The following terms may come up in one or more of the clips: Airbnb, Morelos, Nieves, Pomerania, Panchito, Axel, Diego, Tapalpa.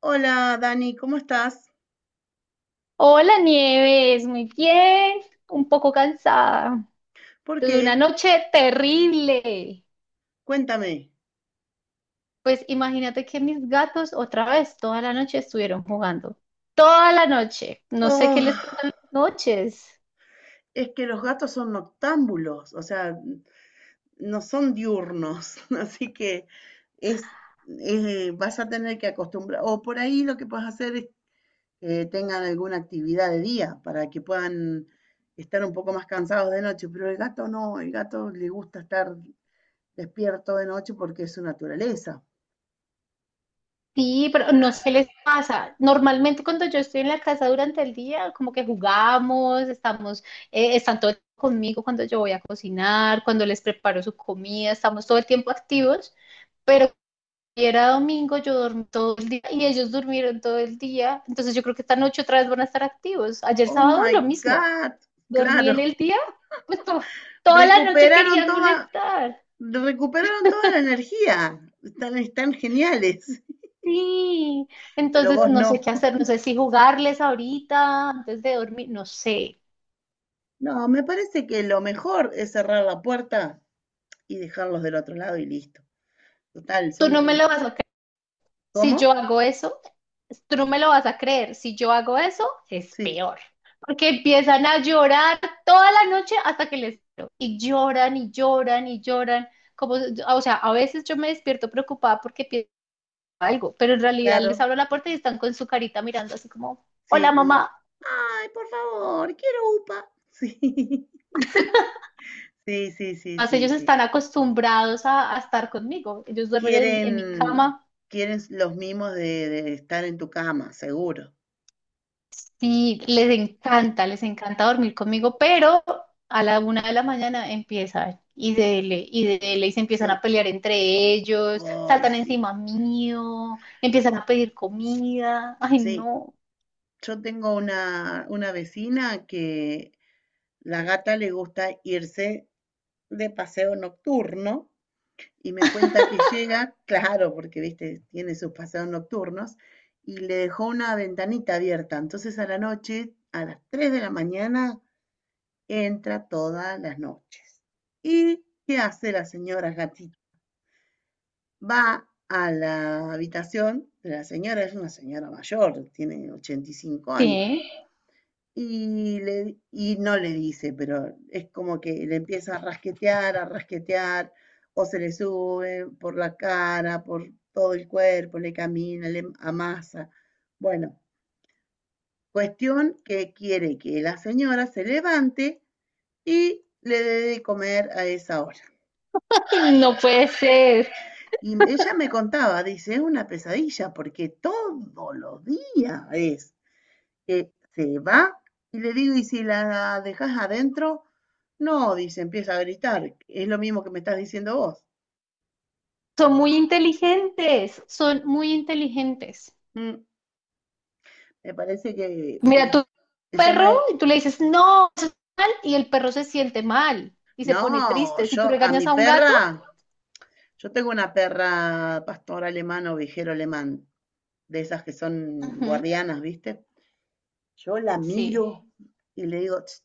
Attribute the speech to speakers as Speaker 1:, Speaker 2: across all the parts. Speaker 1: Hola, Dani, ¿cómo estás?
Speaker 2: Hola Nieves, muy bien, un poco cansada.
Speaker 1: ¿Por
Speaker 2: Tuve una
Speaker 1: qué?
Speaker 2: noche terrible.
Speaker 1: Cuéntame.
Speaker 2: Pues imagínate que mis gatos otra vez toda la noche estuvieron jugando. Toda la noche. No sé
Speaker 1: Oh,
Speaker 2: qué les pasa en las noches.
Speaker 1: es que los gatos son noctámbulos, o sea, no son diurnos, así que es, vas a tener que acostumbrar, o por ahí lo que puedes hacer es que tengan alguna actividad de día para que puedan estar un poco más cansados de noche, pero el gato no, el gato le gusta estar despierto de noche porque es su naturaleza.
Speaker 2: Sí, pero no sé qué les pasa. Normalmente cuando yo estoy en la casa durante el día, como que jugamos, estamos, están todo el tiempo conmigo cuando yo voy a cocinar, cuando les preparo su comida, estamos todo el tiempo activos. Pero Y era domingo, yo dormí todo el día y ellos durmieron todo el día. Entonces yo creo que esta noche otra vez van a estar activos. Ayer
Speaker 1: Oh
Speaker 2: sábado
Speaker 1: my
Speaker 2: lo mismo.
Speaker 1: God,
Speaker 2: Dormí en
Speaker 1: claro,
Speaker 2: el día, pues toda la noche
Speaker 1: recuperaron
Speaker 2: querían
Speaker 1: toda,
Speaker 2: molestar.
Speaker 1: recuperaron toda la energía. Están, están geniales.
Speaker 2: Sí.
Speaker 1: Pero
Speaker 2: Entonces
Speaker 1: vos
Speaker 2: no sé
Speaker 1: no.
Speaker 2: qué hacer, no sé si jugarles ahorita antes de dormir, no sé.
Speaker 1: No, me parece que lo mejor es cerrar la puerta y dejarlos del otro lado y listo. Total,
Speaker 2: Tú
Speaker 1: son...
Speaker 2: no me lo vas a Si
Speaker 1: ¿Cómo?
Speaker 2: yo hago eso, tú no me lo vas a creer. Si yo hago eso, es
Speaker 1: Sí,
Speaker 2: peor. Porque empiezan a llorar toda la noche hasta que les. Y lloran y lloran y lloran. Como, o sea, a veces yo me despierto preocupada porque pienso algo, pero en realidad les
Speaker 1: claro.
Speaker 2: abro la puerta y están con su carita mirando así como, hola
Speaker 1: Sí, como...
Speaker 2: mamá.
Speaker 1: Ay, por favor, quiero UPA. Sí, sí, sí, sí,
Speaker 2: Más
Speaker 1: sí,
Speaker 2: ellos
Speaker 1: sí.
Speaker 2: están acostumbrados a estar conmigo. Ellos duermen en mi
Speaker 1: Quieren,
Speaker 2: cama.
Speaker 1: quieren los mimos de estar en tu cama, seguro.
Speaker 2: Sí, les encanta dormir conmigo, pero a la una de la mañana empiezan y dele, y dele, y se empiezan a
Speaker 1: Sí,
Speaker 2: pelear entre ellos,
Speaker 1: ay,
Speaker 2: saltan
Speaker 1: sí,
Speaker 2: encima mío, empiezan a pedir comida. Ay,
Speaker 1: sí.
Speaker 2: no,
Speaker 1: Yo tengo una vecina que la gata le gusta irse de paseo nocturno y me cuenta que llega, claro, porque viste, tiene sus paseos nocturnos, y le dejó una ventanita abierta. Entonces a la noche, a las 3 de la mañana, entra todas las noches. ¿Y qué hace la señora gatita? Va a la habitación de la señora, es una señora mayor, tiene 85 años.
Speaker 2: sí,
Speaker 1: Y, le, y no le dice, pero es como que le empieza a rasquetear, o se le sube por la cara, por todo el cuerpo, le camina, le amasa. Bueno, cuestión que quiere que la señora se levante y le dé de comer a esa hora.
Speaker 2: ay, no puede ser.
Speaker 1: Y ella me contaba, dice, es una pesadilla porque todos los días es que se va y le digo, ¿y si la dejas adentro? No, dice, empieza a gritar. Es lo mismo que me estás diciendo vos.
Speaker 2: Son muy inteligentes, son muy inteligentes.
Speaker 1: Mm, me parece que
Speaker 2: Mira, tu
Speaker 1: el tema
Speaker 2: perro,
Speaker 1: de...
Speaker 2: y tú le dices, no, eso es mal, y el perro se siente mal y se pone
Speaker 1: No,
Speaker 2: triste. Si
Speaker 1: yo
Speaker 2: tú
Speaker 1: a mi
Speaker 2: regañas a un gato,
Speaker 1: perra, yo tengo una perra pastor alemán o vigero alemán, de esas que son
Speaker 2: ujú,
Speaker 1: guardianas, ¿viste? Yo la
Speaker 2: sí.
Speaker 1: miro y le digo "Tss",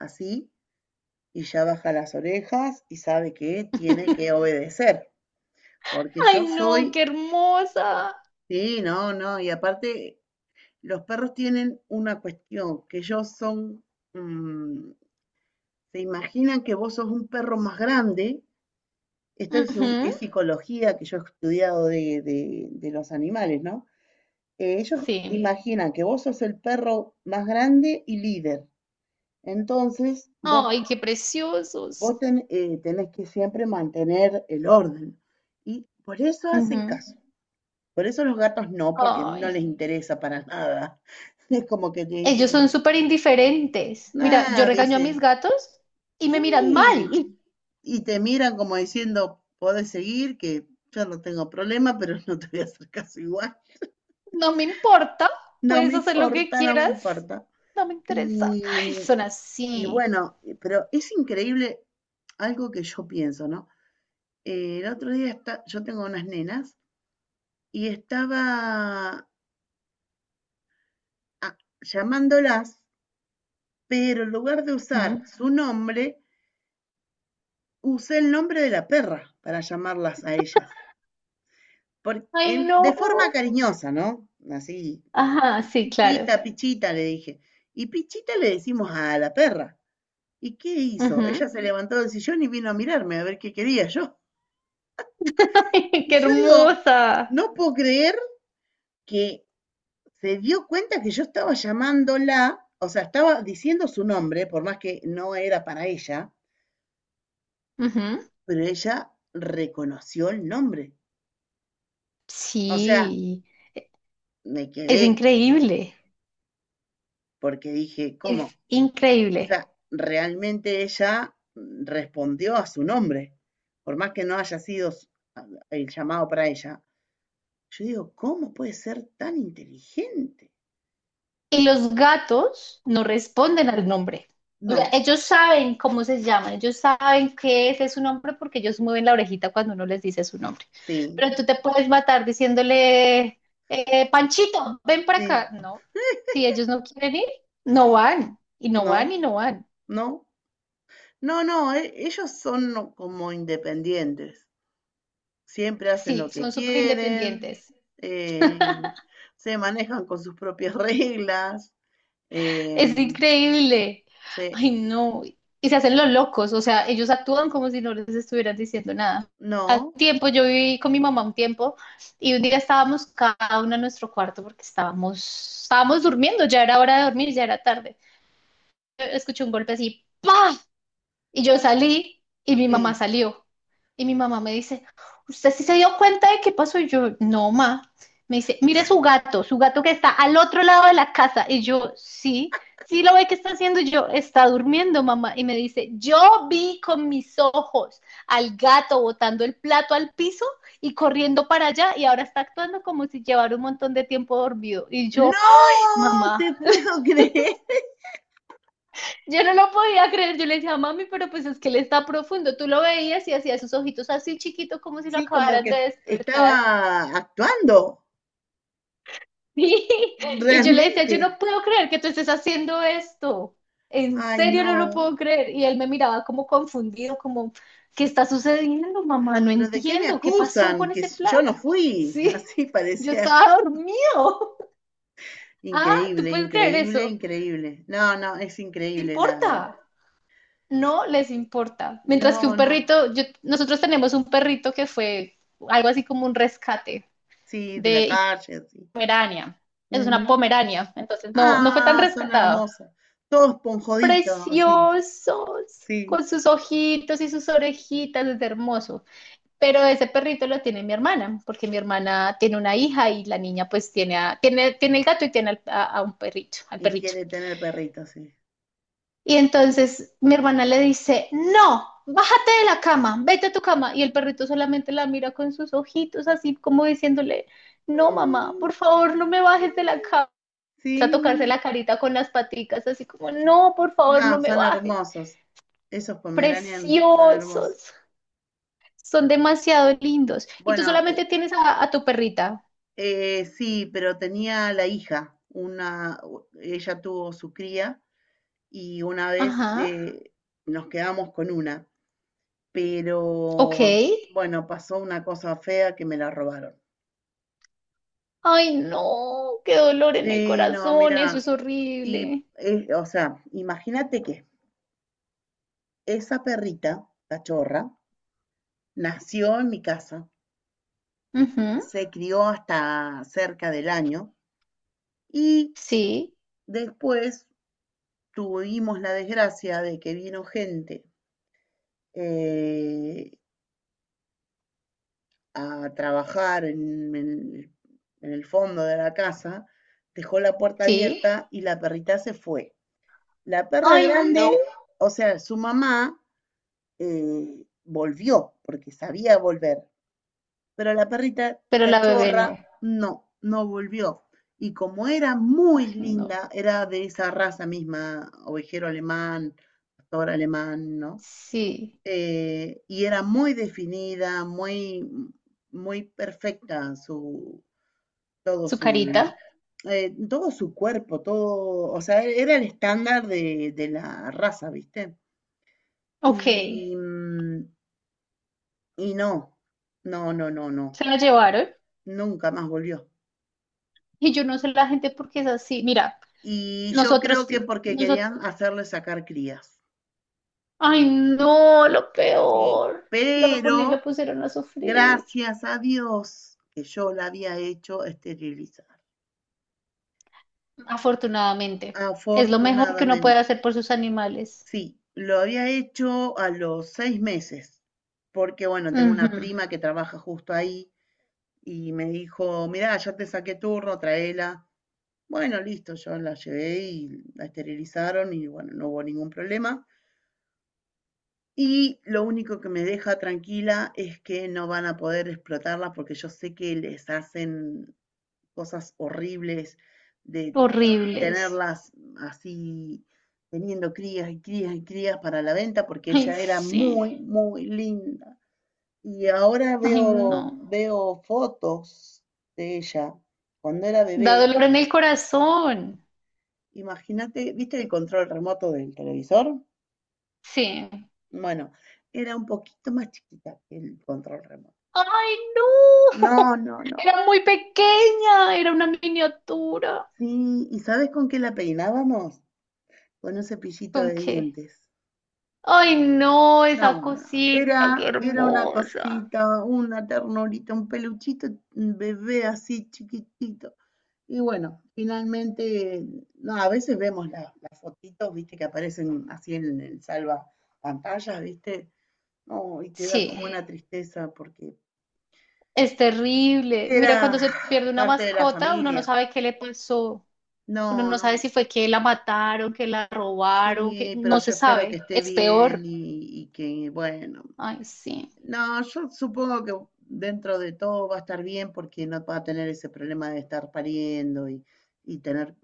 Speaker 1: así, y ya baja las orejas y sabe que tiene que obedecer, porque yo
Speaker 2: Ay, no,
Speaker 1: soy
Speaker 2: qué hermosa.
Speaker 1: sí, no, no, y aparte los perros tienen una cuestión, que ellos son, mm, se imaginan que vos sos un perro más grande, esto es,
Speaker 2: Ujú,
Speaker 1: es psicología que yo he estudiado de, de los animales, ¿no? Ellos
Speaker 2: sí.
Speaker 1: imaginan que vos sos el perro más grande y líder, entonces vos,
Speaker 2: Ay, qué
Speaker 1: vos
Speaker 2: preciosos.
Speaker 1: ten- eh, tenés que siempre mantener el orden, y por eso hacen
Speaker 2: Ujú.
Speaker 1: caso. Por eso los gatos no, porque no
Speaker 2: Ay,
Speaker 1: les interesa para nada. Es como que te
Speaker 2: ellos
Speaker 1: dicen,
Speaker 2: son súper indiferentes. Mira, yo
Speaker 1: nada,
Speaker 2: regaño a
Speaker 1: dice,
Speaker 2: mis gatos y me miran
Speaker 1: sí.
Speaker 2: mal.
Speaker 1: Y te miran como diciendo, podés seguir, que yo no tengo problema, pero no te voy a hacer caso igual.
Speaker 2: No me importa,
Speaker 1: No
Speaker 2: puedes
Speaker 1: me
Speaker 2: hacer lo que
Speaker 1: importa, no me
Speaker 2: quieras.
Speaker 1: importa.
Speaker 2: No me interesa.
Speaker 1: Y,
Speaker 2: Ay, son
Speaker 1: y
Speaker 2: así.
Speaker 1: bueno, pero es increíble algo que yo pienso, ¿no? El otro día está, yo tengo unas nenas y estaba llamándolas, pero en lugar de usar
Speaker 2: Ujú.
Speaker 1: su nombre, usé el nombre de la perra para llamarlas a ellas.
Speaker 2: Ay, no.
Speaker 1: De forma cariñosa, ¿no? Así,
Speaker 2: Ajá, sí, claro.
Speaker 1: pichita, pichita, le dije. Y pichita le decimos a la perra. ¿Y qué hizo? Ella
Speaker 2: Ujú.
Speaker 1: se levantó del sillón y vino a mirarme a ver qué quería yo. Y
Speaker 2: Qué
Speaker 1: yo digo,
Speaker 2: hermosa.
Speaker 1: no puedo creer que se dio cuenta que yo estaba llamándola, o sea, estaba diciendo su nombre, por más que no era para ella,
Speaker 2: Ujú.
Speaker 1: pero ella reconoció el nombre. O sea,
Speaker 2: Sí,
Speaker 1: me quedé
Speaker 2: es increíble.
Speaker 1: porque dije, ¿cómo?
Speaker 2: Es
Speaker 1: O
Speaker 2: increíble.
Speaker 1: sea, realmente ella respondió a su nombre, por más que no haya sido el llamado para ella. Yo digo, ¿cómo puede ser tan inteligente?
Speaker 2: Y los gatos no responden al nombre. O sea,
Speaker 1: No,
Speaker 2: ellos saben cómo se llaman, ellos saben qué es su nombre porque ellos mueven la orejita cuando uno les dice su nombre.
Speaker 1: sí,
Speaker 2: Pero tú te puedes matar diciéndole, Panchito, ven para
Speaker 1: sí,
Speaker 2: acá. No, si ellos no quieren ir, no van, y no van,
Speaker 1: no,
Speaker 2: y no van.
Speaker 1: no. No, no, ellos son como independientes, siempre hacen lo
Speaker 2: Sí,
Speaker 1: que
Speaker 2: son súper
Speaker 1: quieren,
Speaker 2: independientes.
Speaker 1: eh, se manejan con sus propias reglas,
Speaker 2: Es
Speaker 1: em,
Speaker 2: increíble.
Speaker 1: se,
Speaker 2: Ay, no. Y se hacen los locos, o sea, ellos actúan como si no les estuvieran diciendo nada. Hace
Speaker 1: no,
Speaker 2: tiempo yo viví con mi mamá un tiempo y un día estábamos cada uno en nuestro cuarto porque estábamos durmiendo, ya era hora de dormir, ya era tarde. Yo escuché un golpe así, ¡pa! Y yo salí y mi
Speaker 1: sí.
Speaker 2: mamá salió. Y mi mamá me dice, ¿usted sí se dio cuenta de qué pasó? Y yo, no, ma. Me dice, mire su gato que está al otro lado de la casa. Y yo, sí, sí lo ve que está haciendo. Y yo, está durmiendo, mamá. Y me dice, yo vi con mis ojos al gato botando el plato al piso y corriendo para allá y ahora está actuando como si llevara un montón de tiempo dormido. Y yo,
Speaker 1: No
Speaker 2: mamá.
Speaker 1: te puedo creer.
Speaker 2: Yo no lo podía creer, yo le decía, mami, pero pues es que él está profundo. Tú lo veías y hacía sus ojitos así chiquitos como si lo
Speaker 1: Sí, como
Speaker 2: acabaran de
Speaker 1: que
Speaker 2: despertar.
Speaker 1: estaba actuando,
Speaker 2: Y yo le decía,
Speaker 1: realmente.
Speaker 2: yo no puedo creer que tú estés haciendo esto. En
Speaker 1: Ay,
Speaker 2: serio
Speaker 1: no.
Speaker 2: no lo puedo creer. Y él me miraba como confundido, como, ¿qué está sucediendo, mamá? No
Speaker 1: Pero ¿de qué me
Speaker 2: entiendo, ¿qué pasó
Speaker 1: acusan?
Speaker 2: con
Speaker 1: Que
Speaker 2: ese
Speaker 1: yo no
Speaker 2: plato?
Speaker 1: fui.
Speaker 2: Sí,
Speaker 1: Así
Speaker 2: yo
Speaker 1: parecía
Speaker 2: estaba dormido. Ah, ¿tú
Speaker 1: increíble,
Speaker 2: puedes creer
Speaker 1: increíble,
Speaker 2: eso?
Speaker 1: increíble. No, no, es
Speaker 2: No
Speaker 1: increíble la...
Speaker 2: importa. No les importa. Mientras que
Speaker 1: No,
Speaker 2: un
Speaker 1: no.
Speaker 2: perrito, nosotros tenemos un perrito que fue algo así como un rescate
Speaker 1: Sí, de la
Speaker 2: de
Speaker 1: calle, así.
Speaker 2: Pomerania. Es una
Speaker 1: Ujú.
Speaker 2: Pomerania, entonces no, no fue tan
Speaker 1: Ah, son
Speaker 2: rescatado.
Speaker 1: hermosos. Todos esponjoditos, así.
Speaker 2: Preciosos, con
Speaker 1: Sí.
Speaker 2: sus ojitos y sus orejitas, es hermoso. Pero ese perrito lo tiene mi hermana, porque mi hermana tiene una hija y la niña pues tiene el gato y tiene a un perrito, al
Speaker 1: Y
Speaker 2: perrito.
Speaker 1: quiere tener perritos, sí.
Speaker 2: Y entonces mi hermana le dice, no, bájate de la cama, vete a tu cama. Y el perrito solamente la mira con sus ojitos, así como diciéndole, no, mamá,
Speaker 1: Mm,
Speaker 2: por favor, no me
Speaker 1: sí,
Speaker 2: bajes de la cama. A tocarse
Speaker 1: sí.
Speaker 2: la carita con las paticas, así como, no, por favor, no
Speaker 1: No,
Speaker 2: me
Speaker 1: son
Speaker 2: bajes.
Speaker 1: hermosos. Esos Pomeranian son hermosos.
Speaker 2: Preciosos, son demasiado lindos. Y tú
Speaker 1: Bueno,
Speaker 2: solamente tienes a tu perrita.
Speaker 1: sí, pero tenía la hija, una, ella tuvo su cría y una vez
Speaker 2: Ajá,
Speaker 1: nos quedamos con una,
Speaker 2: ok.
Speaker 1: pero bueno, pasó una cosa fea que me la robaron.
Speaker 2: Ay, no, qué dolor en el
Speaker 1: Sí, no,
Speaker 2: corazón, eso
Speaker 1: mira,
Speaker 2: es
Speaker 1: y
Speaker 2: horrible.
Speaker 1: o sea, imagínate que esa perrita, cachorra, nació en mi casa,
Speaker 2: Ujú,
Speaker 1: se crió hasta cerca del año y
Speaker 2: sí,
Speaker 1: después tuvimos la desgracia de que vino gente eh, a trabajar en, en el fondo de la casa, dejó la puerta
Speaker 2: sí.
Speaker 1: abierta y la perrita se fue. La perra
Speaker 2: Ay, no.
Speaker 1: grande, o sea, su mamá volvió, porque sabía volver, pero la perrita
Speaker 2: Pero la bebé
Speaker 1: cachorra
Speaker 2: no.
Speaker 1: no, no volvió. Y como era muy
Speaker 2: Ay, no.
Speaker 1: linda, era de esa raza misma, ovejero alemán, pastor alemán, ¿no?
Speaker 2: Sí.
Speaker 1: Y era muy definida, muy, muy perfecta su, todo
Speaker 2: Su
Speaker 1: su,
Speaker 2: carita.
Speaker 1: todo su cuerpo, todo, o sea, era el estándar de la raza, ¿viste?
Speaker 2: Ok. Se
Speaker 1: Y, y no, no,
Speaker 2: la llevaron.
Speaker 1: nunca más volvió.
Speaker 2: Y yo no sé la gente por qué es así. Mira,
Speaker 1: Y yo
Speaker 2: nosotros,
Speaker 1: creo que porque
Speaker 2: nosotros.
Speaker 1: querían hacerle sacar crías,
Speaker 2: Ay, no, lo
Speaker 1: ¿sí?
Speaker 2: peor. Lo poner, lo
Speaker 1: Pero
Speaker 2: pusieron a sufrir.
Speaker 1: gracias a Dios que yo la había hecho esterilizar,
Speaker 2: Afortunadamente. Es lo mejor que uno puede
Speaker 1: afortunadamente.
Speaker 2: hacer por sus animales.
Speaker 1: Sí, lo había hecho a los seis meses, porque bueno, tengo una
Speaker 2: Ujú.
Speaker 1: prima que trabaja justo ahí y me dijo, mirá, ya te saqué turno, traela. Bueno, listo, yo la llevé y la esterilizaron y bueno, no hubo ningún problema. Y lo único que me deja tranquila es que no van a poder explotarlas porque yo sé que les hacen cosas horribles de
Speaker 2: Horribles.
Speaker 1: tenerlas así, teniendo crías y crías y crías para la venta, porque
Speaker 2: Ay,
Speaker 1: ella era
Speaker 2: sí.
Speaker 1: muy, muy linda. Y ahora
Speaker 2: Ay,
Speaker 1: veo,
Speaker 2: no.
Speaker 1: veo fotos de ella cuando era
Speaker 2: Da
Speaker 1: bebé.
Speaker 2: dolor en el corazón.
Speaker 1: Imagínate, ¿viste el control remoto del televisor?
Speaker 2: Sí.
Speaker 1: Bueno, era un poquito más chiquita que el control remoto.
Speaker 2: ¡Ay,
Speaker 1: No,
Speaker 2: no!
Speaker 1: no, no.
Speaker 2: Era muy pequeña, era una miniatura.
Speaker 1: Sí, ¿y sabes con qué la peinábamos? Con un cepillito
Speaker 2: ¿Con
Speaker 1: de
Speaker 2: qué?
Speaker 1: dientes.
Speaker 2: ¡Ay, no!
Speaker 1: No,
Speaker 2: Esa
Speaker 1: no,
Speaker 2: cosita, qué
Speaker 1: era, era una
Speaker 2: hermosa.
Speaker 1: cosita, una ternurita, un peluchito, un bebé así chiquitito. Y bueno, finalmente, no, a veces vemos las fotitos, viste, que aparecen así en el salva pantallas, viste, no, y te da como
Speaker 2: Sí,
Speaker 1: una tristeza porque
Speaker 2: es terrible. Mira,
Speaker 1: era
Speaker 2: cuando se pierde una
Speaker 1: parte de la
Speaker 2: mascota, uno no
Speaker 1: familia.
Speaker 2: sabe qué le pasó. Uno
Speaker 1: No,
Speaker 2: no sabe
Speaker 1: no,
Speaker 2: si fue que la mataron, que la robaron, que
Speaker 1: sí, pero
Speaker 2: no
Speaker 1: yo
Speaker 2: se
Speaker 1: espero que
Speaker 2: sabe.
Speaker 1: esté
Speaker 2: Es
Speaker 1: bien
Speaker 2: peor.
Speaker 1: y que, bueno,
Speaker 2: Ay, sí.
Speaker 1: no, yo supongo que dentro de todo va a estar bien porque no va a tener ese problema de estar pariendo y tener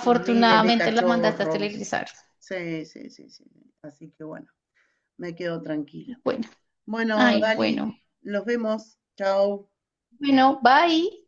Speaker 1: miles de
Speaker 2: la mandaste a
Speaker 1: cachorros.
Speaker 2: esterilizar.
Speaker 1: Sí, sí, sí, sí. Así que bueno, me quedo tranquila.
Speaker 2: Bueno,
Speaker 1: Bueno,
Speaker 2: ay,
Speaker 1: Dani,
Speaker 2: bueno.
Speaker 1: los vemos. Chao.
Speaker 2: Bueno, bye.